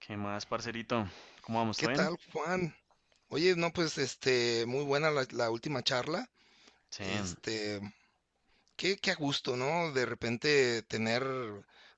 ¿Qué más, parcerito? ¿Cómo vamos? ¿Qué ¿Todo bien? tal, Juan? Oye, no, pues, muy buena la última charla. Sí, Este, qué a gusto, ¿no? De repente tener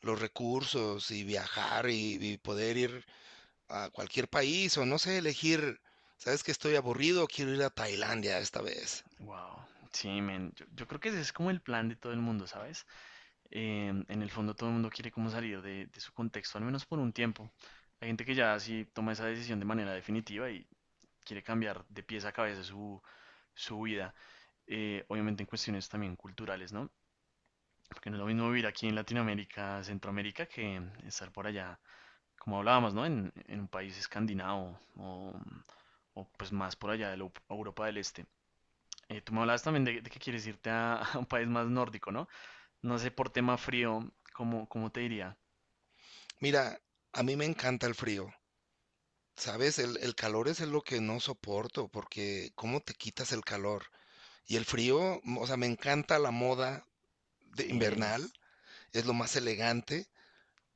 los recursos y viajar y poder ir a cualquier país o no sé, elegir, ¿sabes que estoy aburrido? Quiero ir a Tailandia esta vez. wow. Sí, men. Yo creo que ese es como el plan de todo el mundo, ¿sabes? En el fondo todo el mundo quiere como salir de su contexto, al menos por un tiempo. Hay gente que ya sí toma esa decisión de manera definitiva y quiere cambiar de pies a cabeza su vida. Obviamente en cuestiones también culturales, ¿no? Porque no es lo mismo vivir aquí en Latinoamérica, Centroamérica, que estar por allá como hablábamos, ¿no? En un país escandinavo o, pues más por allá de la Europa del Este. Tú me hablabas también de que quieres irte a, a un país más nórdico, ¿no? No sé, por tema frío, cómo te diría? Mira, a mí me encanta el frío, ¿sabes? El calor es lo que no soporto porque ¿cómo te quitas el calor? Y el frío, o sea, me encanta la moda de Sí, invernal. Es lo más elegante.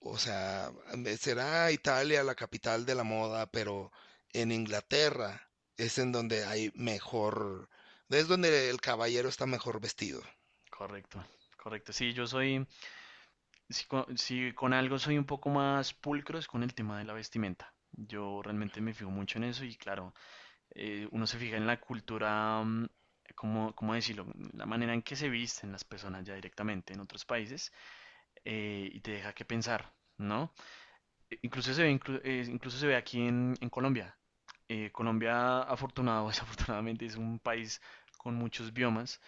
O sea, será Italia la capital de la moda, pero en Inglaterra es en donde hay mejor, es donde el caballero está mejor vestido. correcto, correcto. Sí, yo soy, si con algo soy un poco más pulcro es con el tema de la vestimenta. Yo realmente me fijo mucho en eso y claro, uno se fija en la cultura, cómo decirlo? La manera en que se visten las personas ya directamente en otros países y te deja que pensar, ¿no? Incluso se ve aquí en Colombia. Colombia, afortunado o desafortunadamente, es un país con muchos biomas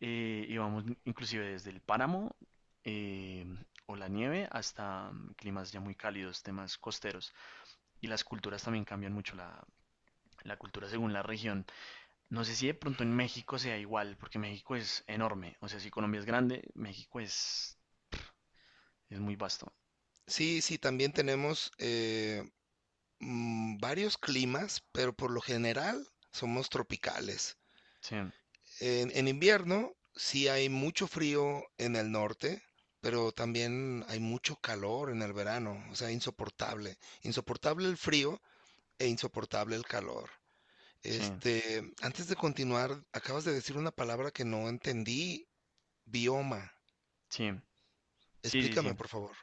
y vamos inclusive desde el páramo eh, o la nieve hasta climas ya muy cálidos, temas costeros. Y las culturas también cambian mucho la cultura según la región. No sé si de pronto en México sea igual, porque México es enorme. O sea, si Colombia es grande, México es muy vasto. Sí, sí, también tenemos varios climas, pero por lo general somos tropicales. Sí, En invierno sí hay mucho frío en el norte, pero también hay mucho calor en el verano, o sea, insoportable. Insoportable el frío e insoportable el calor. sí, Antes de continuar, acabas de decir una palabra que no entendí, bioma. sí, sí, sí, Explícame, sí. por favor.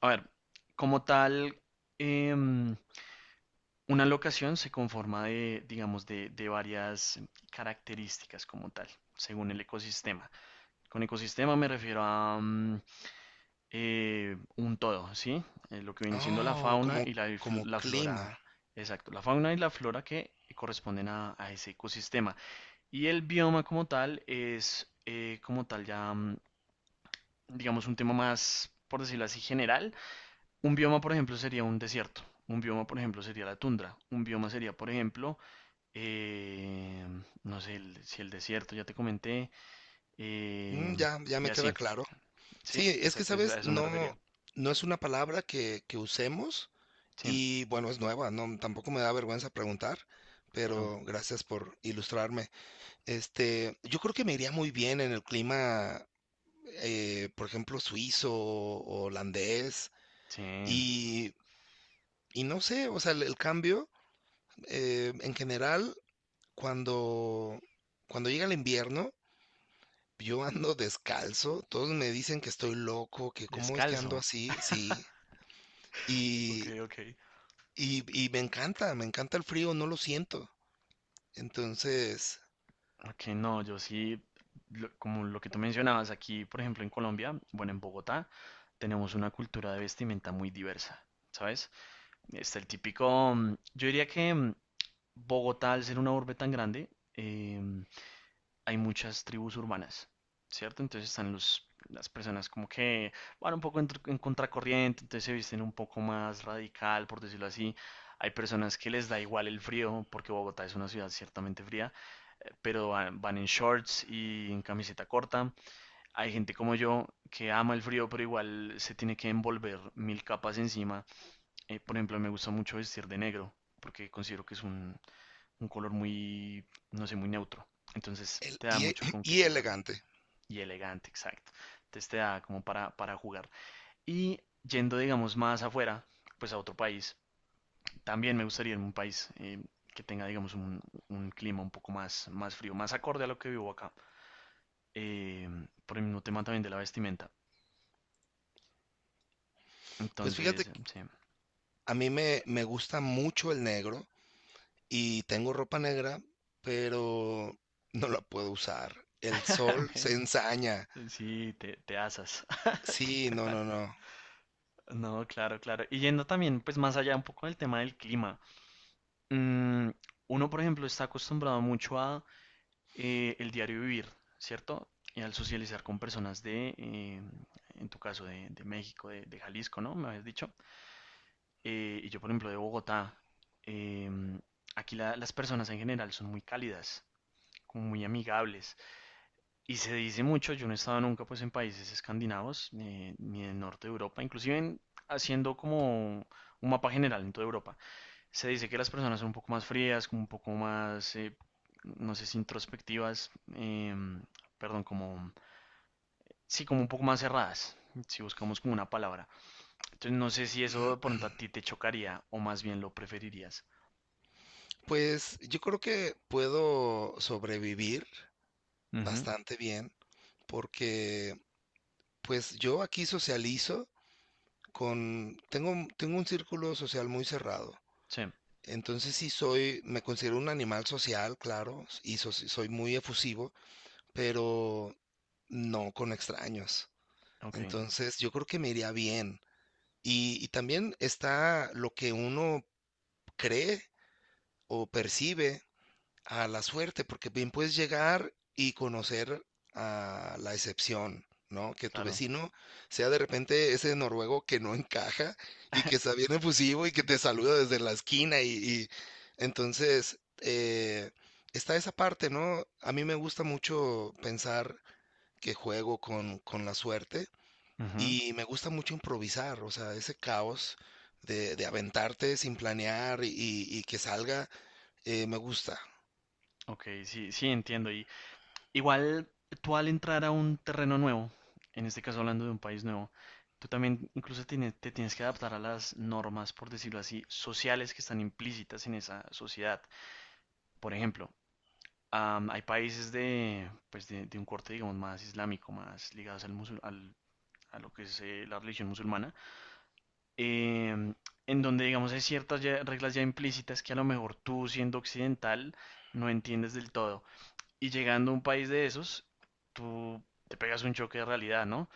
A ver, como tal, em, una locación se conforma de, digamos, de varias características como tal, según el ecosistema. Con ecosistema me refiero a, un todo, ¿sí? Lo que viene siendo la Oh, fauna y como la clima. flora, exacto, la fauna y la flora que corresponden a ese ecosistema. Y el bioma como tal es como tal ya, digamos, un tema más, por decirlo así, general. Un bioma, por ejemplo, sería un desierto. Un bioma, por ejemplo, sería la tundra. Un bioma sería, por ejemplo, eh, no sé, si el desierto, ya te comenté, eh, Mm, ya y me así, queda claro. ¿sí? Sí, es que, Exacto, a ¿sabes? eso me No, refería. no es una palabra que usemos Sí, y bueno, es nueva, no, tampoco me da vergüenza preguntar, claro. pero gracias por ilustrarme. Yo creo que me iría muy bien en el clima, por ejemplo, suizo o holandés. Sí. Y, y no sé, o sea, el cambio, en general, cuando, cuando llega el invierno, yo ando descalzo, todos me dicen que estoy loco, que cómo es que ando Descalzo. así, sí, Ok, y, ok. Y me encanta el frío, no lo siento. Entonces, Ok, no, yo sí, como lo que tú mencionabas aquí, por ejemplo, en Colombia, bueno, en Bogotá, tenemos una cultura de vestimenta muy diversa, ¿sabes? Está el típico, mm, yo diría que mm, Bogotá, al ser una urbe tan grande, em, hay muchas tribus urbanas, ¿cierto? Entonces están las personas como que van un poco en contracorriente, entonces se visten un poco más radical, por decirlo así. Hay personas que les da igual el frío, porque Bogotá es una ciudad ciertamente fría, pero van, van en shorts y en camiseta corta. Hay gente como yo que ama el frío, pero igual se tiene que envolver mil capas encima. Por ejemplo, me gusta mucho vestir de negro, porque considero que es un color muy, no sé, muy neutro. Entonces te da mucho con qué y jugar. elegante. Y elegante, exacto. Entonces te da como para jugar. Y yendo, digamos, más afuera, pues a otro país, también me gustaría irme a un país que tenga, digamos, un clima un poco más, más frío, más acorde a lo que vivo acá. Eh, por el mismo tema también de la vestimenta. Pues fíjate, Entonces, que sí, a mí me gusta mucho el negro y tengo ropa negra, pero no la puedo usar. El sol se Men, ensaña. sí, te asas. Sí, no, no, no. No, claro, claro. Y yendo también, pues más allá un poco del tema del clima, mm, uno, por ejemplo, está acostumbrado mucho a el diario vivir, ¿cierto? Y al socializar con personas de, en tu caso, de México, de Jalisco, ¿no? Me habías dicho. Y yo, por ejemplo, de Bogotá. Em, aquí las personas en general son muy cálidas, como muy amigables. Y se dice mucho, yo no he estado nunca pues en países escandinavos, ni en el norte de Europa, inclusive haciendo como un mapa general en toda Europa. Se dice que las personas son un poco más frías, como un poco más, no sé si introspectivas, perdón, como, sí, como un poco más cerradas, si buscamos como una palabra. Entonces no sé si eso de pronto a ti te chocaría o más bien lo preferirías. Pues yo creo que puedo sobrevivir Ujú, bastante bien porque pues yo aquí socializo tengo un círculo social muy cerrado. sí, Entonces sí soy, me considero un animal social, claro, soy muy efusivo, pero no con extraños. ok, Entonces yo creo que me iría bien. Y también está lo que uno cree o percibe a la suerte, porque bien puedes llegar y conocer a la excepción, ¿no? Que tu claro. vecino sea de repente ese noruego que no encaja y que está bien efusivo y que te saluda desde la esquina entonces está esa parte, ¿no? A mí me gusta mucho pensar que juego con la suerte Ujú, y me gusta mucho improvisar, o sea, ese caos de aventarte sin planear y que salga, me gusta. ok, sí, sí, entiendo. Y igual tú al entrar a un terreno nuevo, en este caso hablando de un país nuevo, tú también incluso te tienes que adaptar a las normas, por decirlo así, sociales que están implícitas en esa sociedad. Por ejemplo, hay países de, pues de un corte, digamos, más islámico, más ligados al a lo que es la religión musulmana, em, en donde, digamos, hay ciertas reglas ya implícitas que a lo mejor tú siendo occidental no entiendes del todo. Y llegando a un país de esos, tú te pegas un choque de realidad, ¿no?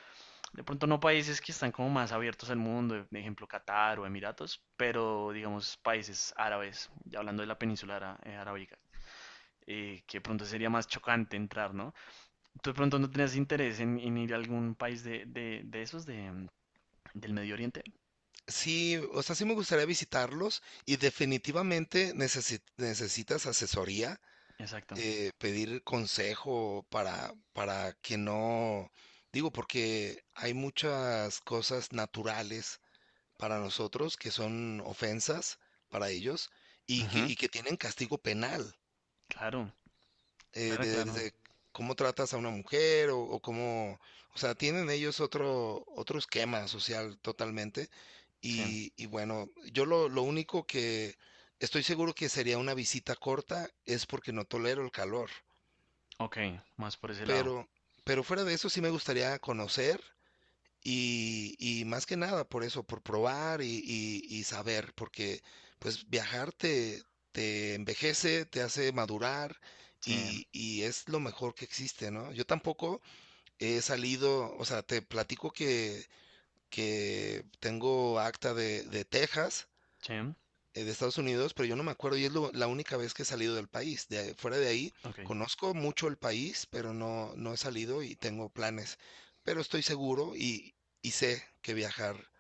De pronto no países que están como más abiertos al mundo, por ejemplo Qatar o Emiratos, pero digamos países árabes, ya hablando de la península arábica, que de pronto sería más chocante entrar, ¿no? ¿Tú de pronto no tenías interés en ir a algún país de esos, de, del Medio Oriente? Sí, o sea, sí me gustaría visitarlos y definitivamente necesitas asesoría, Exacto. Pedir consejo para que no, digo, porque hay muchas cosas naturales para nosotros que son ofensas para ellos Ujú. y que tienen castigo penal Claro, claro, claro. desde cómo tratas a una mujer o cómo, o sea, tienen ellos otro, otro esquema social totalmente. Sí. Y bueno, lo único que estoy seguro que sería una visita corta es porque no tolero el calor. Ok, más por ese lado. Pero, pero fuera de eso sí me gustaría conocer. Y más que nada por eso, por probar y saber, porque pues viajar te envejece, te hace madurar Sí, y es lo mejor que existe, ¿no? Yo tampoco he salido, o sea, te platico que tengo acta de Texas sí. De Estados Unidos, pero yo no me acuerdo y es la única vez que he salido del país. De, fuera de ahí, Ok. conozco mucho el país, pero no, no he salido y tengo planes. Pero estoy seguro y sé que viajar,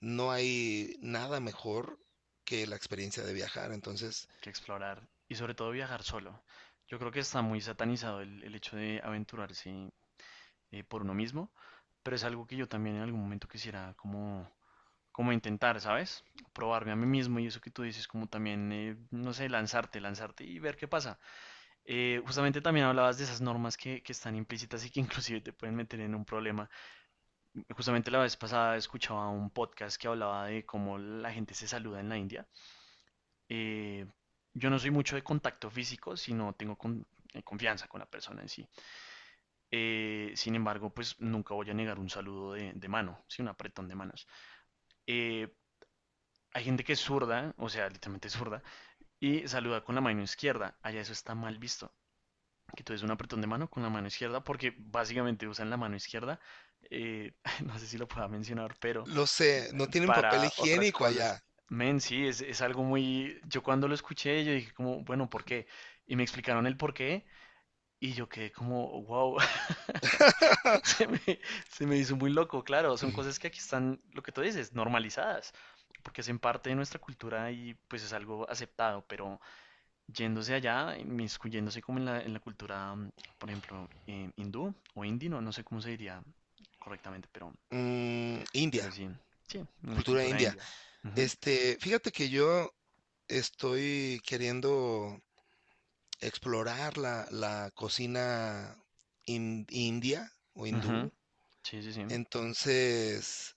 no hay nada mejor que la experiencia de viajar. Entonces, Que explorar y sobre todo viajar solo. Yo creo que está muy satanizado el hecho de aventurarse por uno mismo, pero es algo que yo también en algún momento quisiera como, como intentar, ¿sabes? Probarme a mí mismo y eso que tú dices, como también, no sé, lanzarte, lanzarte y ver qué pasa. Justamente también hablabas de esas normas que están implícitas y que inclusive te pueden meter en un problema. Justamente la vez pasada escuchaba un podcast que hablaba de cómo la gente se saluda en la India eh, yo no soy mucho de contacto físico, sino tengo confianza con la persona en sí. Sin embargo, pues nunca voy a negar un saludo de mano, sí, un apretón de manos. Eh, hay gente que es zurda, o sea, literalmente es zurda, y saluda con la mano izquierda. Allá eso está mal visto. Que tú des un apretón de mano con la mano izquierda, porque básicamente usan la mano izquierda. Eh, no sé si lo pueda mencionar, pero lo sé, no tienen papel para otras higiénico cosas. allá. Men, sí, es algo muy... Yo cuando lo escuché, yo dije como, bueno, ¿por qué? Y me explicaron el por qué y yo quedé como, wow, se me, se me hizo muy loco, claro, son cosas que aquí están, lo que tú dices, normalizadas, porque hacen parte de nuestra cultura y pues es algo aceptado, pero yéndose allá, inmiscuyéndose como en en la cultura, mm, por ejemplo, hindú o indino, no no sé cómo se diría correctamente, Mm, pero India, sí, sí, en la cultura cultura india. india. Fíjate que yo estoy queriendo explorar la cocina india o Ujú. hindú. Sí, sí, sí. Entonces,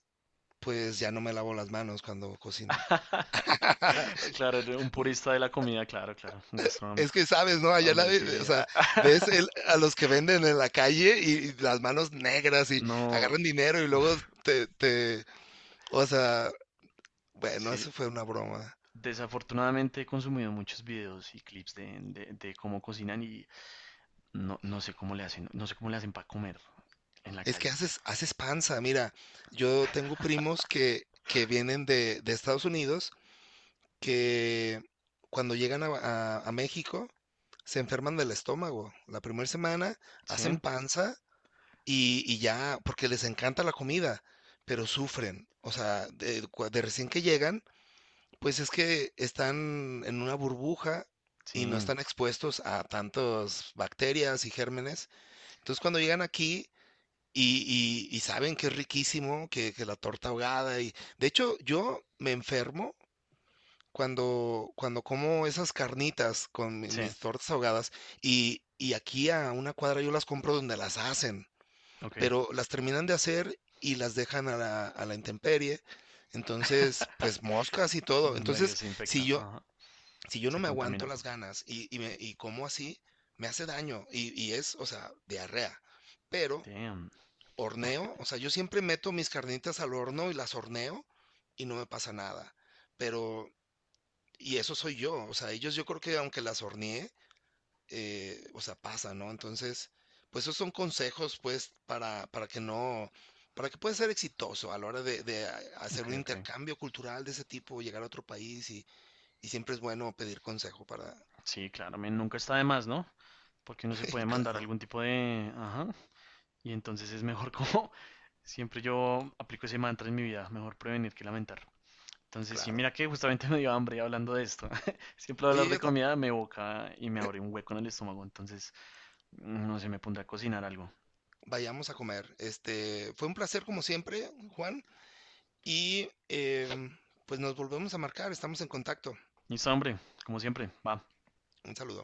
pues ya no me lavo las manos cuando cocino. Claro, un purista de la comida, claro, claro, un Es gastronómico. que sabes, ¿no? Allá la, Hombre, sí. o sea, ves a los que venden en la calle y las manos negras y No, agarran dinero y luego uf, te, te, o sea, bueno, sí. eso fue una broma. Desafortunadamente he consumido muchos videos y clips de cómo cocinan y no, no sé cómo le hacen, no sé cómo le hacen para comer en la Es que calle. haces, haces panza, mira, yo tengo primos que vienen de Estados Unidos que cuando llegan a México se enferman del estómago. La primera semana Sí, hacen panza y ya, porque les encanta la comida, pero sufren. O sea, de recién que llegan, pues es que están en una burbuja sí, y no están expuestos a tantas bacterias y gérmenes. Entonces cuando llegan aquí... y saben que es riquísimo, que la torta ahogada y de hecho yo me enfermo cuando como esas carnitas con sí, mis tortas ahogadas y aquí a una cuadra yo las compro donde las hacen, ok. pero las terminan de hacer y las dejan a la intemperie, entonces pues moscas y todo, Medio entonces se si infecta, yo, ajá, si yo no se me aguanto contamina. las ganas y como así, me hace daño y es, o sea, diarrea, pero Damn, horneo, o sea, yo siempre meto mis carnitas al horno y las horneo y no me pasa nada. Pero y eso soy yo, o sea, ellos yo creo que aunque las horneé, o sea, pasa, ¿no? Entonces, pues esos son consejos, pues, para que no, para que puedas ser exitoso a la hora hacer un ok, ok. intercambio cultural de ese tipo, llegar a otro país y siempre es bueno pedir consejo para, Sí, claro, men, nunca está de más, ¿no? Porque uno se puede mandar claro, algún tipo de... Ajá. Y entonces es mejor como... Siempre yo aplico ese mantra en mi vida, mejor prevenir que lamentar. Entonces, sí, claro. mira que justamente me dio hambre hablando de esto. Siempre Oye, hablar de comida me evoca y me abre un hueco en el estómago. Entonces, no sé, me pondré a cocinar algo. vayamos a comer. Fue un placer como siempre, Juan, y em, pues nos volvemos a marcar, estamos en contacto. Listo, hombre, como siempre, va. Un saludo.